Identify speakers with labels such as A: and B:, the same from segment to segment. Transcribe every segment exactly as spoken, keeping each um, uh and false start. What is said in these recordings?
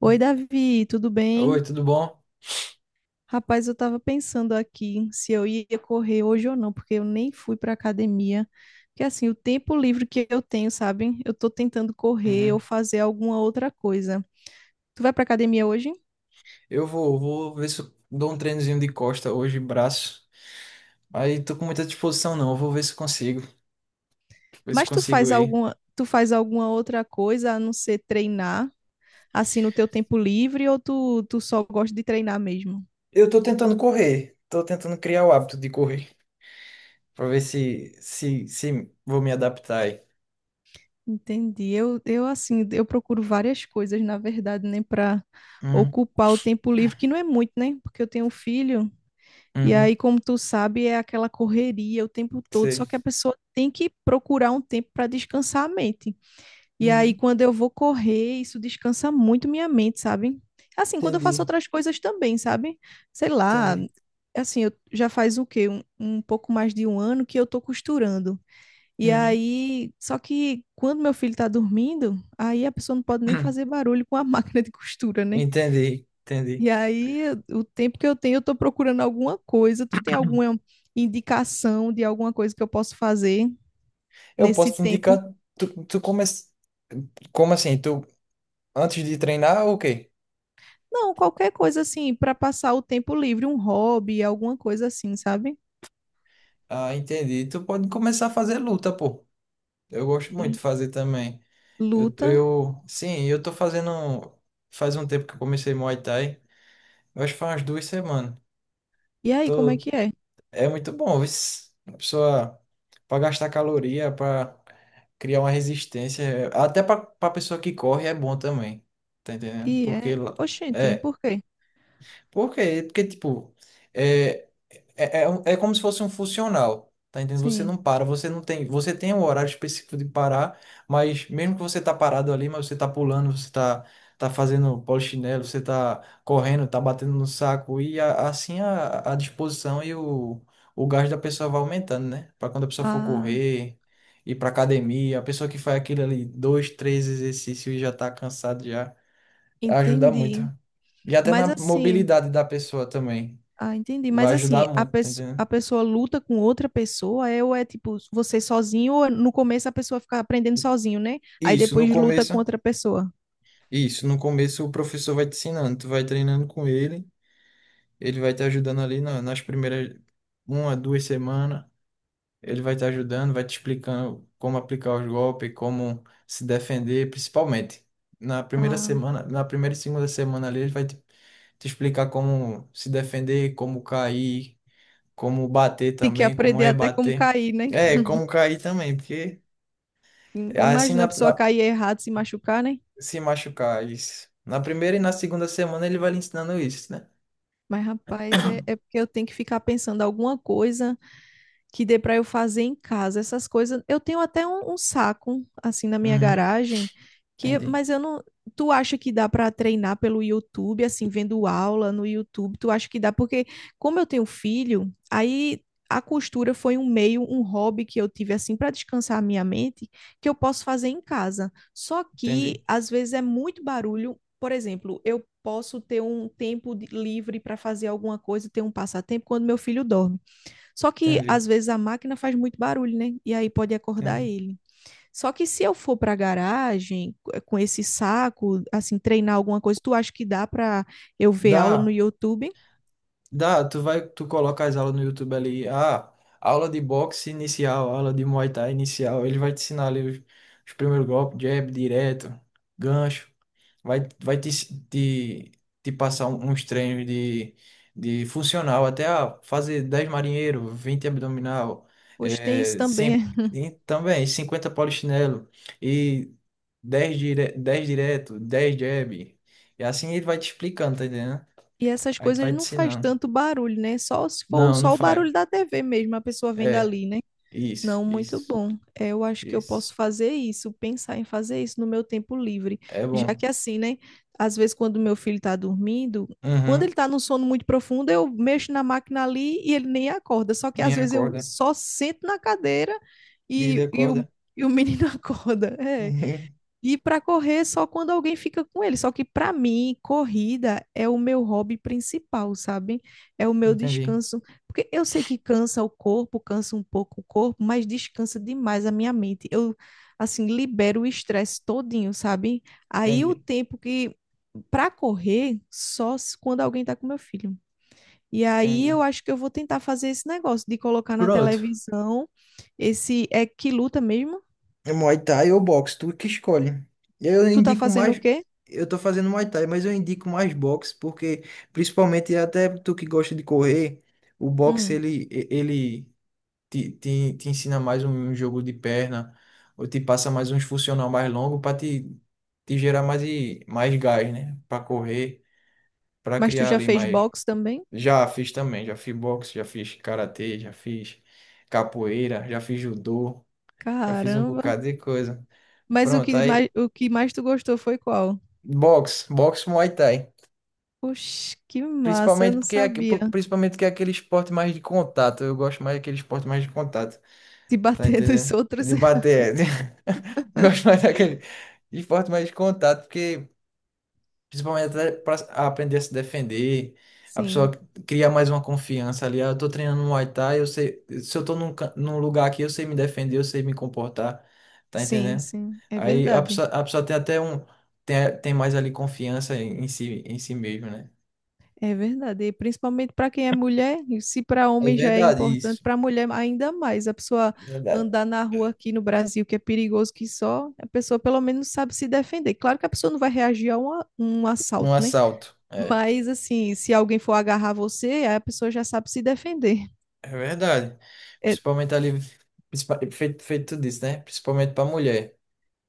A: Oi, Davi, tudo bem?
B: Oi, tudo bom?
A: Rapaz, eu tava pensando aqui se eu ia correr hoje ou não, porque eu nem fui pra academia. Porque assim, o tempo livre que eu tenho, sabe? Eu tô tentando correr ou
B: Uhum.
A: fazer alguma outra coisa. Tu vai pra academia hoje?
B: Eu vou, vou ver se eu dou um treinozinho de costa hoje, braço. Aí tô com muita disposição não, eu vou ver se consigo, ver se
A: Mas tu
B: consigo
A: faz
B: aí.
A: alguma, tu faz alguma outra coisa a não ser treinar, assim, no teu tempo livre, ou tu, tu só gosta de treinar mesmo?
B: Eu tô tentando correr, tô tentando criar o hábito de correr, pra ver se, se, se vou me adaptar aí.
A: Entendi. Eu, eu assim, eu procuro várias coisas, na verdade, né, para
B: Uhum,
A: ocupar o tempo livre, que não é muito, né? Porque eu tenho um filho, e aí,
B: uhum,
A: como tu sabe, é aquela correria o tempo todo, só
B: sei.
A: que a pessoa tem que procurar um tempo para descansar a mente. E aí,
B: Uhum,
A: quando eu vou correr, isso descansa muito minha mente, sabe? Assim, quando eu faço
B: entendi,
A: outras coisas também, sabe? Sei lá,
B: entendi.
A: assim, eu já faz o quê? Um, um pouco mais de um ano que eu tô costurando. E
B: Uhum.
A: aí, só que quando meu filho tá dormindo, aí a pessoa não pode nem fazer barulho com a máquina de costura, né?
B: Entendi,
A: E
B: entendi.
A: aí, o tempo que eu tenho, eu tô procurando alguma coisa. Tu tem alguma indicação de alguma coisa que eu posso fazer
B: Eu
A: nesse
B: posso te indicar,
A: tempo?
B: tu, tu come, como assim, tu antes de treinar ou o quê?
A: Não, qualquer coisa assim, para passar o tempo livre, um hobby, alguma coisa assim, sabe?
B: Ah, entendi. Tu pode começar a fazer luta, pô. Eu gosto muito
A: L-
B: de fazer também. Eu,
A: Luta.
B: eu, sim, eu tô fazendo. Faz um tempo que eu comecei Muay Thai. Eu acho que faz umas duas semanas.
A: E aí, como é
B: Tô,
A: que é?
B: é muito bom, viu? A pessoa, pra gastar caloria, pra criar uma resistência. é, Até pra, pra pessoa que corre é bom também. Tá
A: E
B: entendendo?
A: é,
B: Porque. lá-
A: oxente,
B: É.
A: por quê?
B: Porque, porque tipo. é, É, é, um- é como se fosse um funcional, tá entendendo? Você
A: Sim.
B: não para, você não tem, você tem um horário específico de parar, mas mesmo que você tá parado ali, mas você tá pulando, você tá, tá fazendo polichinelo, você tá correndo, tá batendo no saco, e a- assim a, a disposição e o, o gás da pessoa vai aumentando, né? Para quando a pessoa for
A: Ah,
B: correr, ir pra academia, a pessoa que faz aquilo ali, dois, três exercícios e já tá cansado, já ajuda muito.
A: entendi.
B: E até na
A: Mas assim,
B: mobilidade da pessoa também,
A: Ah, entendi. Mas
B: vai
A: assim,
B: ajudar
A: a,
B: muito, tá
A: pesso- a
B: entendendo?
A: pessoa luta com outra pessoa, é, ou é tipo você sozinho, ou no começo a pessoa fica aprendendo sozinho, né? Aí
B: Isso, no
A: depois luta
B: começo,
A: com outra pessoa.
B: isso, no começo o professor vai te ensinando, tu vai treinando com ele, ele vai te ajudando ali na- nas primeiras uma, duas semanas, ele vai te ajudando, vai te explicando como aplicar os golpes, como se defender, principalmente. Na primeira
A: Ah,
B: semana, na primeira e segunda semana ali, ele vai te, te explicar como se defender, como cair, como bater
A: tem que
B: também, como
A: aprender até como
B: rebater.
A: cair, né?
B: É, como cair também, porque
A: Im-
B: assim
A: Imagina
B: na,
A: a pessoa
B: na-
A: cair errado, se machucar, né?
B: se machucar, isso. Na primeira e na segunda semana ele vai lhe ensinando isso, né?
A: Mas, rapaz, é, é porque eu tenho que ficar pensando alguma coisa que dê para eu fazer em casa. Essas coisas, eu tenho até um, um saco assim na minha
B: Uhum,
A: garagem que,
B: entendi,
A: mas eu não, tu acha que dá para treinar pelo YouTube, assim, vendo aula no YouTube? Tu acha que dá? Porque como eu tenho filho, aí a costura foi um meio, um hobby que eu tive assim para descansar a minha mente, que eu posso fazer em casa. Só
B: entendi,
A: que às vezes é muito barulho. Por exemplo, eu posso ter um tempo de- livre para fazer alguma coisa, ter um passatempo quando meu filho dorme. Só que
B: entendi,
A: às vezes a máquina faz muito barulho, né? E aí pode acordar
B: entendi.
A: ele. Só que se eu for para a garagem com esse saco, assim, treinar alguma coisa, tu acha que dá para eu ver aula no
B: Dá.
A: YouTube?
B: Dá, tu vai, tu coloca as aulas no YouTube ali, ah, aula de boxe inicial, aula de Muay Thai inicial, ele vai te ensinar ali os, os primeiros golpes, jab, direto, gancho, vai, vai te, te, te passar um- uns treinos de, de funcional, até ah, fazer dez marinheiro, vinte abdominal,
A: Hoje tem isso
B: é,
A: também.
B: cin- e também cinquenta polichinelo e dez dire, dez direto, dez jab, e assim ele vai te explicando, tá entendendo?
A: E essas
B: Aí tu vai
A: coisas
B: te
A: não faz
B: ensinando.
A: tanto barulho, né? Só se for
B: Não, não
A: só o
B: faz.
A: barulho da T V mesmo, a pessoa vendo
B: É,
A: ali, né?
B: isso,
A: Não, muito
B: isso,
A: bom. É, eu acho que eu
B: isso.
A: posso fazer isso, pensar em fazer isso no meu tempo livre.
B: É
A: Já
B: bom.
A: que assim, né? Às vezes, quando meu filho tá dormindo, quando
B: Uhum,
A: ele tá num sono muito profundo, eu mexo na máquina ali e ele nem acorda. Só que às
B: nem
A: vezes eu
B: acorda.
A: só sento na cadeira
B: E
A: e,
B: ele
A: e o,
B: acorda.
A: e o menino acorda. É.
B: Uhum.
A: E para correr só quando alguém fica com ele. Só que para mim, corrida é o meu hobby principal, sabe? É o meu
B: Entendi,
A: descanso. Porque eu sei que cansa o corpo, cansa um pouco o corpo, mas descansa demais a minha mente. Eu, assim, libero o estresse todinho, sabe? Aí o
B: entendi,
A: tempo que para correr só se- quando alguém tá com meu filho. E aí
B: entendi.
A: eu acho que eu vou tentar fazer esse negócio de colocar na
B: Pronto.
A: televisão esse é que luta mesmo?
B: É Muay Thai ou boxe, tu que escolhe. Eu
A: Tu tá
B: indico
A: fazendo o
B: mais.
A: quê?
B: Eu tô fazendo Muay Thai, mas eu indico mais boxe, porque, principalmente até tu que gosta de correr, o boxe ele, ele te, te, te ensina mais um jogo de perna, ou te passa mais uns funcional mais longo para te, te gerar mais, e- mais gás, né? Para correr, para
A: Mas tu
B: criar
A: já
B: ali
A: fez
B: mais.
A: box também?
B: Já fiz também, já fiz boxe, já fiz karatê, já fiz capoeira, já fiz judô, já fiz um
A: Caramba.
B: bocado de coisa.
A: Mas o
B: Pronto,
A: que mais,
B: aí
A: o que mais tu gostou foi qual?
B: boxe, boxe Muay Thai.
A: Oxe, que massa, eu
B: Principalmente
A: não
B: porque é, aque-
A: sabia.
B: principalmente que é aquele esporte mais de contato. Eu gosto mais daquele esporte mais de contato.
A: De
B: Tá
A: bater nos
B: entendendo?
A: outros.
B: De bater. de- Gosto mais daquele esporte mais de contato, porque principalmente até pra aprender a se defender, a pessoa
A: Sim,
B: cria mais uma confiança ali. Ah, eu tô treinando Muay Thai, eu sei, se eu tô num, can- num lugar aqui, eu sei me defender, eu sei me comportar, tá
A: sim,
B: entendendo?
A: sim, é
B: Aí a
A: verdade.
B: pessoa, a pessoa tem até um, tem, tem mais ali confiança em, em si, em si mesmo, né?
A: É verdade. E principalmente para quem é mulher, e se para
B: É
A: homem já é
B: verdade
A: importante,
B: isso,
A: para mulher ainda mais. A pessoa
B: é verdade.
A: andar na rua aqui no Brasil, que é perigoso que só, a pessoa pelo menos sabe se defender. Claro que a pessoa não vai reagir a um, a- um assalto,
B: Um
A: né?
B: assalto. É.
A: Mas assim, se alguém for agarrar você, aí a pessoa já sabe se defender.
B: É verdade.
A: É,
B: Principalmente ali, principal- feito, feito tudo isso, né? Principalmente pra mulher.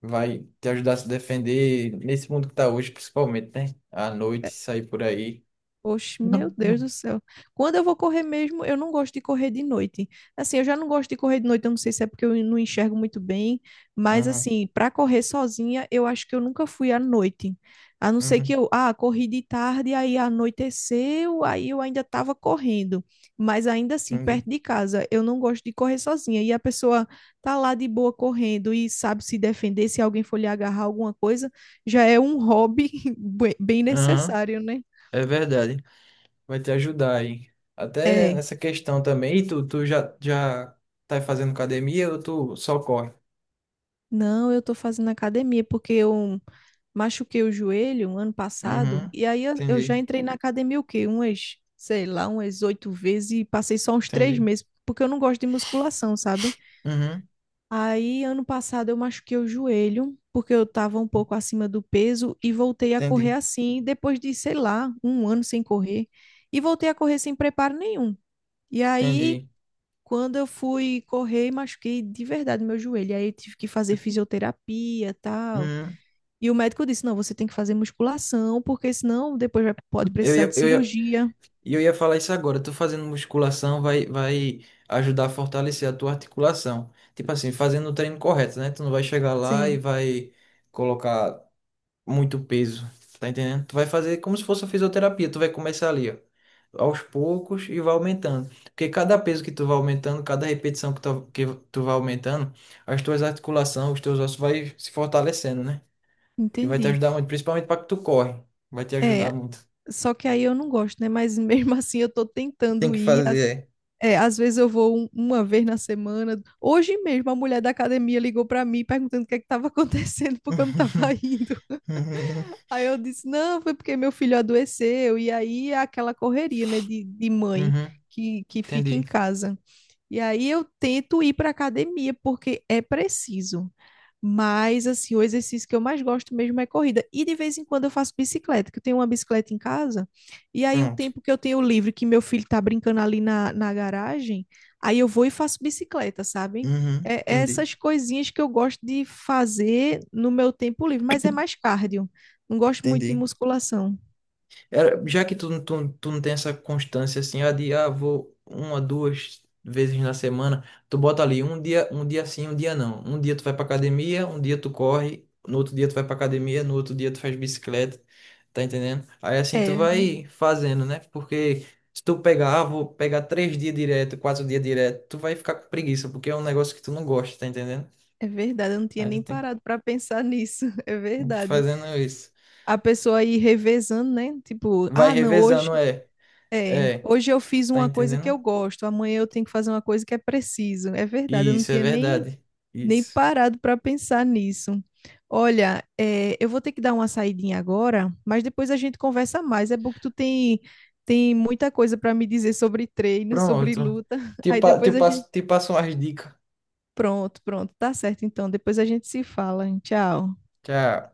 B: Vai te ajudar a se defender nesse mundo que tá hoje, principalmente, né? À noite,
A: é,
B: sair por aí.
A: oxe, meu
B: Não,
A: Deus do céu. Quando eu vou correr mesmo, eu não gosto de correr de noite. Assim, eu já não gosto de correr de noite, eu não sei se é porque eu não enxergo muito bem,
B: não.
A: mas
B: Uhum,
A: assim, para correr sozinha, eu acho que eu nunca fui à noite. A não ser que
B: uhum,
A: eu, ah, corri de tarde, aí anoiteceu, aí eu ainda estava correndo. Mas ainda assim,
B: entendi.
A: perto de casa, eu não gosto de correr sozinha. E a pessoa tá lá de boa correndo e sabe se defender, se alguém for lhe agarrar alguma coisa, já é um hobby bem bem
B: Aham,
A: necessário, né?
B: é verdade. Vai te ajudar aí. Até
A: É,
B: nessa questão também. E tu, tu já, já tá fazendo academia ou tu só corre?
A: não, eu tô fazendo academia porque eu machuquei o joelho um ano passado
B: Uhum,
A: e aí eu, eu
B: entendi,
A: já entrei na academia o quê? Umas, sei lá, umas oito vezes e passei só uns três
B: entendi.
A: meses porque eu não gosto de musculação, sabe?
B: Uhum,
A: Aí ano passado eu machuquei o joelho porque eu tava um pouco acima do peso e voltei a correr
B: entendi,
A: assim depois de, sei lá, um ano sem correr e voltei a correr sem preparo nenhum. E aí
B: entendi.
A: Quando eu fui correr, machuquei de verdade meu joelho. Aí eu tive que fazer fisioterapia, e tal.
B: Uhum.
A: E o médico disse: "Não, você tem que fazer musculação, porque senão depois vai- pode
B: Eu
A: precisar
B: ia,
A: de
B: eu ia,
A: cirurgia".
B: E eu ia falar isso agora, tu fazendo musculação vai, vai ajudar a fortalecer a tua articulação. Tipo assim, fazendo o treino correto, né? Tu não vai chegar lá e
A: Sim,
B: vai colocar muito peso, tá entendendo? Tu vai fazer como se fosse a fisioterapia, tu vai começar ali, ó, aos poucos e vai aumentando. Porque cada peso que tu vai aumentando, cada repetição que tu, que tu vai aumentando, as tuas articulações, os teus ossos vai se fortalecendo, né? E vai te
A: entendi.
B: ajudar muito, principalmente para que tu corre, vai te ajudar
A: É,
B: muito.
A: só que aí eu não gosto, né? Mas mesmo assim eu tô
B: Tem
A: tentando
B: que
A: ir. Às-
B: fazer,
A: É, às vezes eu vou um- uma vez na semana. Hoje mesmo a mulher da academia ligou pra mim perguntando o que é que tava acontecendo
B: é.
A: porque eu não tava indo.
B: Uhum,
A: Aí eu disse, não, foi porque meu filho adoeceu. E aí é aquela correria, né, de, de mãe
B: uhum,
A: que, que fica em
B: entendi.
A: casa. E aí eu tento ir para academia porque é preciso. Mas assim, o exercício que eu mais gosto mesmo é corrida. E de vez em quando eu faço bicicleta, que eu tenho uma bicicleta em casa. E aí o
B: Pronto.
A: tempo que eu tenho livre, que meu filho tá brincando ali na, na garagem, aí eu vou e faço bicicleta, sabe?
B: Uhum,
A: É é
B: entendi,
A: essas coisinhas que eu gosto de fazer no meu tempo livre, mas é mais cardio. Não gosto muito de
B: entendi.
A: musculação.
B: Era, já que tu, não- tu, tu não tem essa constância assim, ah, de, ah, vou uma, duas vezes na semana, tu bota ali um dia, um dia sim, um dia não. Um dia tu vai pra academia, um dia tu corre, no outro dia tu vai pra academia, no outro dia tu faz bicicleta, tá entendendo? Aí assim tu
A: É, né?
B: vai fazendo, né? Porque se tu pegar, ah, vou pegar três dias direto, quatro dias direto, tu vai ficar com preguiça, porque é um negócio que tu não gosta, tá entendendo?
A: É verdade, eu não tinha
B: Aí
A: nem
B: tu tem que
A: parado para pensar nisso. É
B: tem que ir
A: verdade.
B: fazendo isso.
A: A pessoa ir revezando, né? Tipo,
B: Vai
A: ah, não, hoje
B: revezando, é.
A: é,
B: É,
A: hoje eu fiz
B: tá
A: uma coisa que
B: entendendo?
A: eu gosto, amanhã eu tenho que fazer uma coisa que é preciso. É verdade, eu não
B: Isso, é
A: tinha nem
B: verdade.
A: nem
B: Isso.
A: parado para pensar nisso. Olha, é, eu vou ter que dar uma saidinha agora, mas depois a gente conversa mais. É bom que tu tem tem muita coisa para me dizer sobre treino, sobre
B: Pronto.
A: luta.
B: Te,
A: Aí
B: pa- te
A: depois a gente
B: passo, te passo umas dicas.
A: Pronto, pronto, tá certo. Então, depois a gente se fala. Hein? Tchau.
B: Tchau.